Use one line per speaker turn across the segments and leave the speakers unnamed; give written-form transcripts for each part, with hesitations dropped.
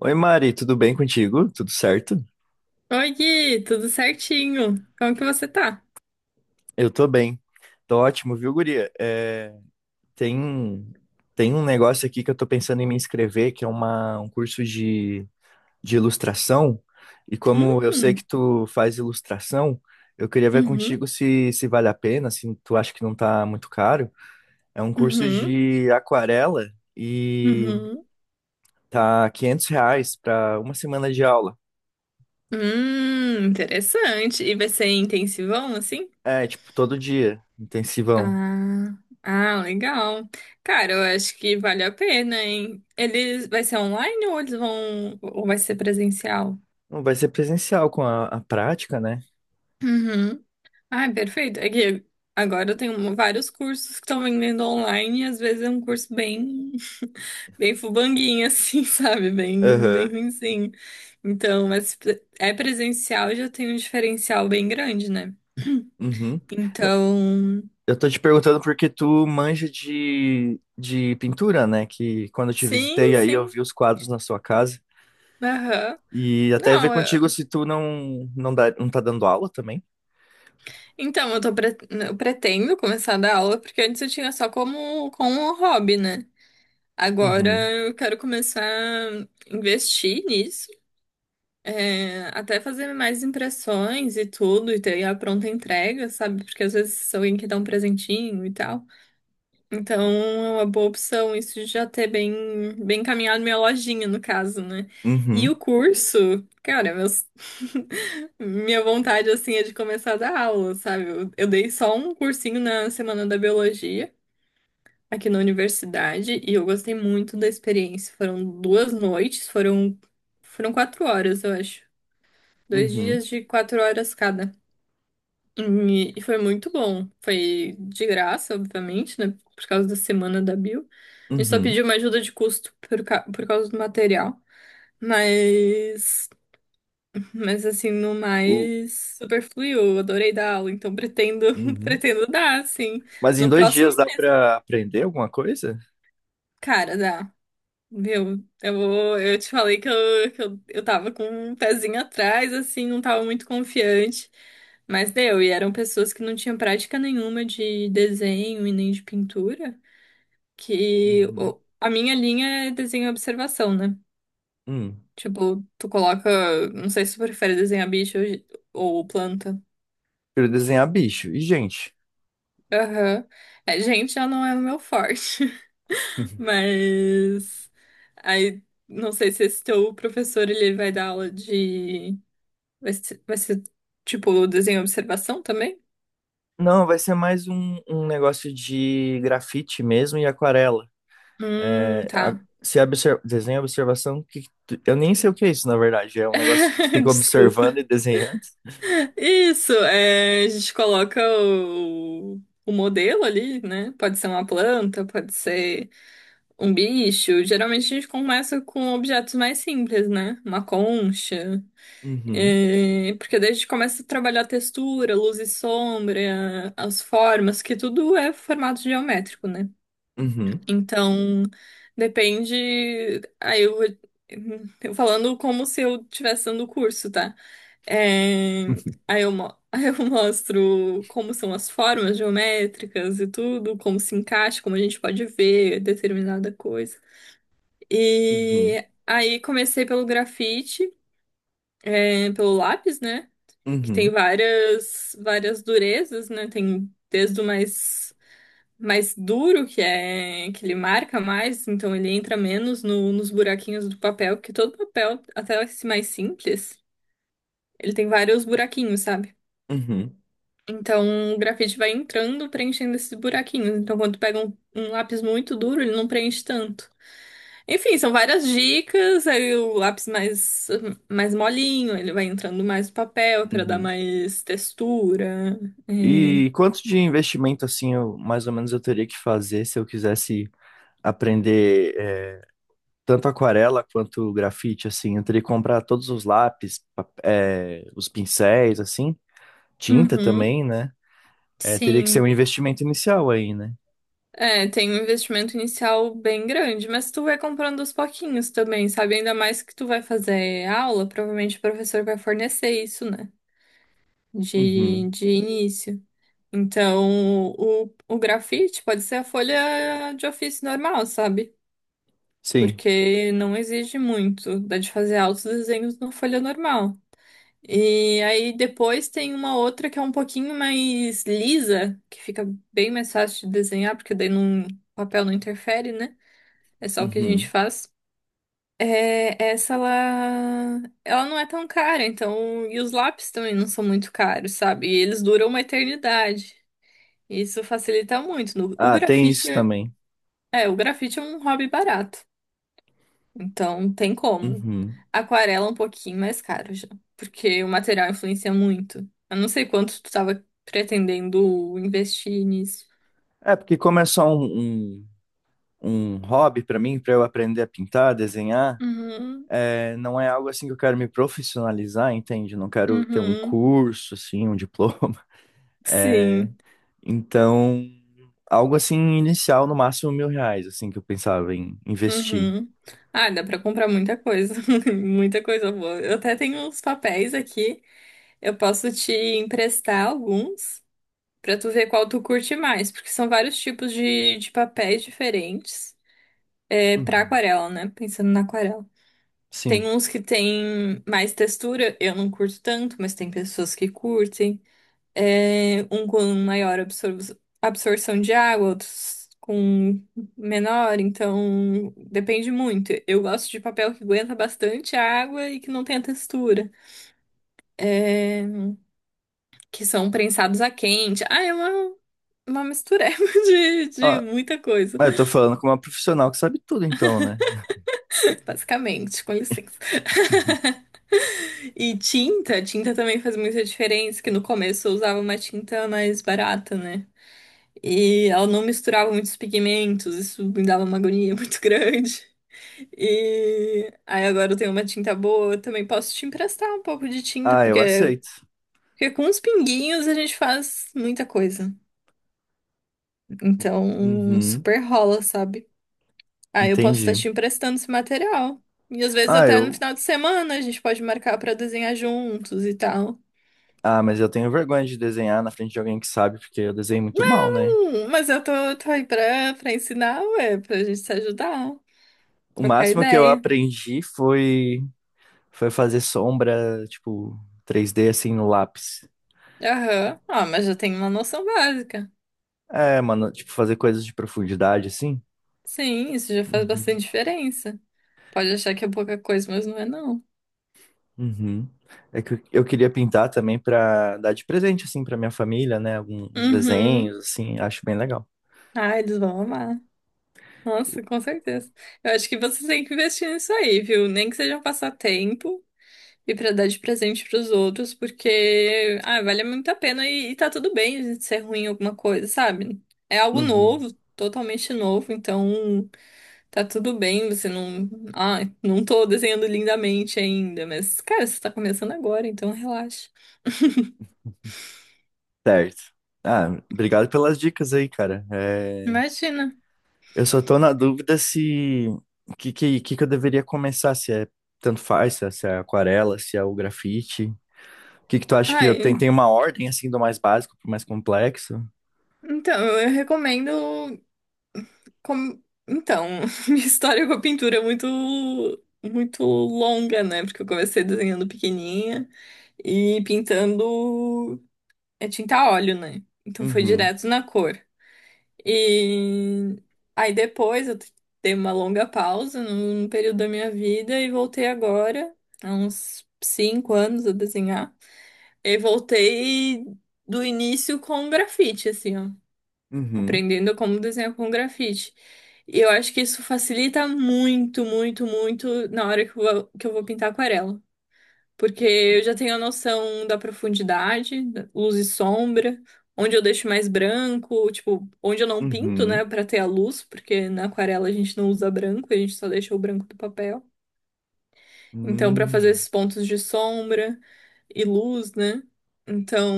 Oi, Mari, tudo bem contigo? Tudo certo?
Oi, Gui, tudo certinho? Como que você tá?
Eu tô bem. Tô ótimo, viu, guria? Tem, tem um negócio aqui que eu tô pensando em me inscrever, que é um curso de ilustração. E como eu sei que
Hum,
tu faz ilustração, eu queria ver
uhum,
contigo se vale a pena, se tu acha que não tá muito caro. É um curso
uhum,
de aquarela e
uhum.
tá R$ 500 pra uma semana de aula.
Interessante. E vai ser intensivão, assim?
Tipo, todo dia, intensivão.
Ah, ah, legal. Cara, eu acho que vale a pena, hein? Vai ser online ou ou vai ser presencial?
Não vai ser presencial com a prática, né?
Uhum. Ai, perfeito. É que agora eu tenho vários cursos que estão vendendo online e às vezes é um curso bem, bem fubanguinho, assim, sabe? Bem, bem
Aham.
ruinzinho. Então, mas é presencial já tem um diferencial bem grande, né?
Uhum. N-
Então,
Eu tô te perguntando porque tu manja de pintura, né? Que quando eu te
sim,
visitei aí eu
sim.
vi os quadros na sua casa.
Aham.
E até ver
Não,
contigo se tu não, dá, não tá dando aula também.
então eu pretendo começar a dar aula porque antes eu tinha só como um hobby, né? Agora
Uhum.
eu quero começar a investir nisso. É, até fazer mais impressões e tudo, e ter a pronta entrega, sabe? Porque às vezes alguém quer dar um presentinho e tal. Então é uma boa opção isso de já ter bem, bem encaminhado minha lojinha, no caso, né? E o
Uhum.
curso, cara, minha vontade assim é de começar a dar aula, sabe? Eu dei só um cursinho na Semana da Biologia. Aqui na universidade, e eu gostei muito da experiência. Foram 2 noites, foram 4 horas, eu acho. Dois
Uhum.
dias de 4 horas cada. E foi muito bom. Foi de graça, obviamente, né? Por causa da semana da Bio. A gente só
Uhum.
pediu uma ajuda de custo por causa do material. Mas, mas assim, no
O-
mais, super fluiu. Eu adorei dar aula, então pretendo,
Uhum.
pretendo dar, assim.
Mas em
No
dois
próximo,
dias dá pra aprender alguma coisa?
cara, dá. Meu, eu te falei que eu tava com um pezinho atrás, assim, não tava muito confiante, mas deu. E eram pessoas que não tinham prática nenhuma de desenho e nem de pintura, que
Uhum.
a minha linha é desenho e observação, né?
Hum.
Tipo, tu coloca, não sei se tu prefere desenhar bicho ou planta.
Quero desenhar bicho. E gente?
Aham. É, gente, já não é o meu forte, mas aí não sei se esse teu professor ele vai dar aula de Vai ser tipo o desenho observação também?
Não, vai ser mais um negócio de grafite mesmo e aquarela. É, a-
Tá.
se obser- desenha observação, que eu nem sei o que é isso, na verdade. É um negócio que tu fica observando
Desculpa.
e desenhando.
Isso, é, a gente coloca o modelo ali, né? Pode ser uma planta, pode ser um bicho. Geralmente a gente começa com objetos mais simples, né? Uma concha.
Uhum,
É, porque daí a gente começa a trabalhar a textura, luz e sombra, as formas, que tudo é formato geométrico, né?
uhum,
Então, depende. Aí eu falando como se eu estivesse dando o curso, tá? É, aí eu mostro como são as formas geométricas e tudo, como se encaixa, como a gente pode ver determinada coisa.
uhum,
E aí comecei pelo grafite, é, pelo lápis, né? Que tem
uhum,
várias várias durezas, né? Tem desde o mais duro, que é que ele marca mais, então ele entra menos nos buraquinhos do papel, porque todo papel, até esse mais simples, ele tem vários buraquinhos, sabe?
uhum,
Então o grafite vai entrando, preenchendo esses buraquinhos. Então quando tu pega um lápis muito duro, ele não preenche tanto. Enfim, são várias dicas. Aí o lápis mais molinho, ele vai entrando mais no papel para dar
uhum.
mais textura.
E
É.
quanto de investimento, assim, mais ou menos eu teria que fazer se eu quisesse aprender tanto aquarela quanto grafite, assim? Eu teria que comprar todos os lápis, os pincéis, assim, tinta
Uhum,
também, né? Teria que ser
sim.
um investimento inicial aí, né?
É, tem um investimento inicial bem grande, mas tu vai comprando aos pouquinhos também, sabe? Ainda mais que tu vai fazer aula, provavelmente o professor vai fornecer isso, né? De,
Uhum,
de início. Então, o grafite pode ser a folha de ofício normal, sabe?
sim,
Porque não exige muito, dá de fazer altos desenhos na folha normal. E aí depois tem uma outra que é um pouquinho mais lisa, que fica bem mais fácil de desenhar, porque daí não, o papel não interfere, né? É só o que a gente
uhum.
faz. É, essa ela, ela não é tão cara, então, e os lápis também não são muito caros, sabe? E eles duram uma eternidade. Isso facilita muito.
Ah, tem isso também.
O grafite é um hobby barato. Então, tem como.
Uhum.
Aquarela é um pouquinho mais caro já, porque o material influencia muito. Eu não sei quanto tu tava pretendendo investir nisso.
Porque como é só um hobby para mim, para eu aprender a pintar, desenhar,
Uhum,
não é algo assim que eu quero me profissionalizar, entende? Não quero ter um
uhum,
curso, assim, um diploma. É,
sim,
então, algo assim inicial, no máximo R$ 1.000, assim, que eu pensava em investir.
uhum. Ah, dá pra comprar muita coisa, muita coisa boa. Eu até tenho uns papéis aqui, eu posso te emprestar alguns pra tu ver qual tu curte mais, porque são vários tipos de papéis diferentes, é, pra
Uhum.
aquarela, né? Pensando na aquarela. Tem
Sim.
uns que tem mais textura, eu não curto tanto, mas tem pessoas que curtem. É, um com maior absorção de água, outros com menor, então depende muito. Eu gosto de papel que aguenta bastante água e que não tem textura. É, que são prensados a quente. Ah, é uma mistureba de
Ah,
muita coisa.
mas eu tô falando com uma profissional que sabe tudo, então, né?
Basicamente, com licença. E tinta, tinta também faz muita diferença, que no começo eu usava uma tinta mais barata, né? E ela não misturava muitos pigmentos, isso me dava uma agonia muito grande. E aí agora eu tenho uma tinta boa, eu também posso te emprestar um pouco de tinta,
Ah, eu
porque,
aceito.
porque com os pinguinhos a gente faz muita coisa. Então,
Uhum.
super rola, sabe? Ah, eu posso estar
Entendi.
te emprestando esse material. E às vezes
Ah,
até no
eu
final de semana a gente pode marcar pra desenhar juntos e tal.
Ah, mas eu tenho vergonha de desenhar na frente de alguém que sabe, porque eu desenho muito mal, né?
Mas eu tô aí pra ensinar, ué, pra gente se ajudar,
O
trocar
máximo que eu
ideia.
aprendi foi fazer sombra, tipo, 3D assim no lápis.
Aham. Ah, mas já tem uma noção básica.
É, mano, tipo, fazer coisas de profundidade assim.
Sim, isso já faz
Uhum.
bastante diferença. Pode achar que é pouca coisa, mas não é não.
Uhum. É que eu queria pintar também pra dar de presente assim pra minha família, né? Alguns desenhos
Uhum.
assim, acho bem legal.
Ah, eles vão amar. Nossa, com certeza. Eu acho que vocês têm que investir nisso aí, viu? Nem que seja um passatempo. E pra dar de presente pros outros, porque, ah, vale muito a pena e tá tudo bem a gente ser ruim em alguma coisa, sabe? É algo
Uhum.
novo, totalmente novo, então tá tudo bem, você não, ah, não tô desenhando lindamente ainda, mas, cara, você tá começando agora, então relaxa.
Certo. Ah, obrigado pelas dicas aí, cara. É,
Imagina.
Eu só tô na dúvida se o que que eu deveria começar, se é tanto faz, se é aquarela, se é o grafite. O que que tu acha que eu tenho?
Ai,
Tem uma ordem assim do mais básico pro mais complexo?
então, eu recomendo. Com- Então, minha história com a pintura é muito, muito longa, né? Porque eu comecei desenhando pequenininha e pintando é tinta a óleo, né? Então foi
Uhum,
direto na cor. E aí depois eu dei uma longa pausa num período da minha vida e voltei agora, há uns 5 anos a desenhar. E voltei do início com grafite, assim, ó,
uhum,
aprendendo como desenhar com grafite. E eu acho que isso facilita muito, muito, muito na hora que eu vou pintar aquarela. Porque eu já tenho a noção da profundidade, da luz e sombra, onde eu deixo mais branco, tipo, onde eu não pinto, né,
uhum,
para ter a luz, porque na aquarela a gente não usa branco, a gente só deixa o branco do papel. Então, para fazer
hum.
esses pontos de sombra e luz, né? Então,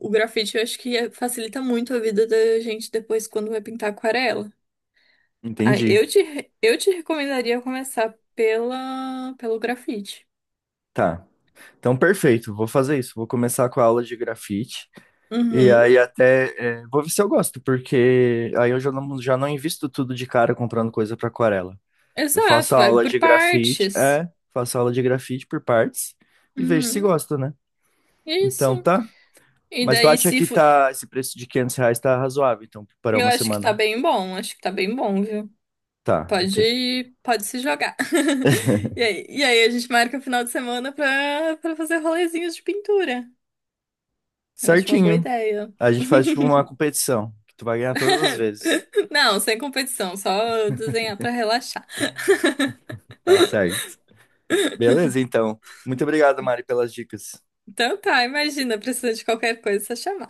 o grafite eu acho que facilita muito a vida da gente depois quando vai pintar aquarela. Ah,
Entendi.
eu te recomendaria começar pela, pelo grafite.
Tá. Então, perfeito. Vou fazer isso. Vou começar com a aula de grafite. E
Uhum.
aí até vou ver se eu gosto, porque aí eu já não invisto tudo de cara comprando coisa para aquarela. Eu faço
Exato, vai
aula
por
de grafite,
partes.
faço aula de grafite por partes e vejo se
Uhum.
gosta, né? Então
Isso.
tá.
E
Mas tu
daí,
acha
se.
que
Fo-
tá, esse preço de R$ 500 tá razoável, então, para
eu
uma
acho que tá
semana?
bem bom, acho que tá bem bom, viu?
Tá, entendi.
Pode se jogar. E aí, e aí a gente marca o final de semana pra fazer rolezinhos de pintura. Eu acho uma boa
Certinho.
ideia.
A gente faz tipo uma competição, que tu vai ganhar todas as vezes.
Não, sem competição, só desenhar pra relaxar.
Tá certo. Beleza, então. Muito obrigado, Mari, pelas dicas.
Então tá, imagina, precisa de qualquer coisa, é só chamar.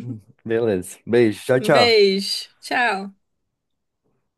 Beleza. Beijo. Tchau,
Um
tchau.
beijo. Tchau.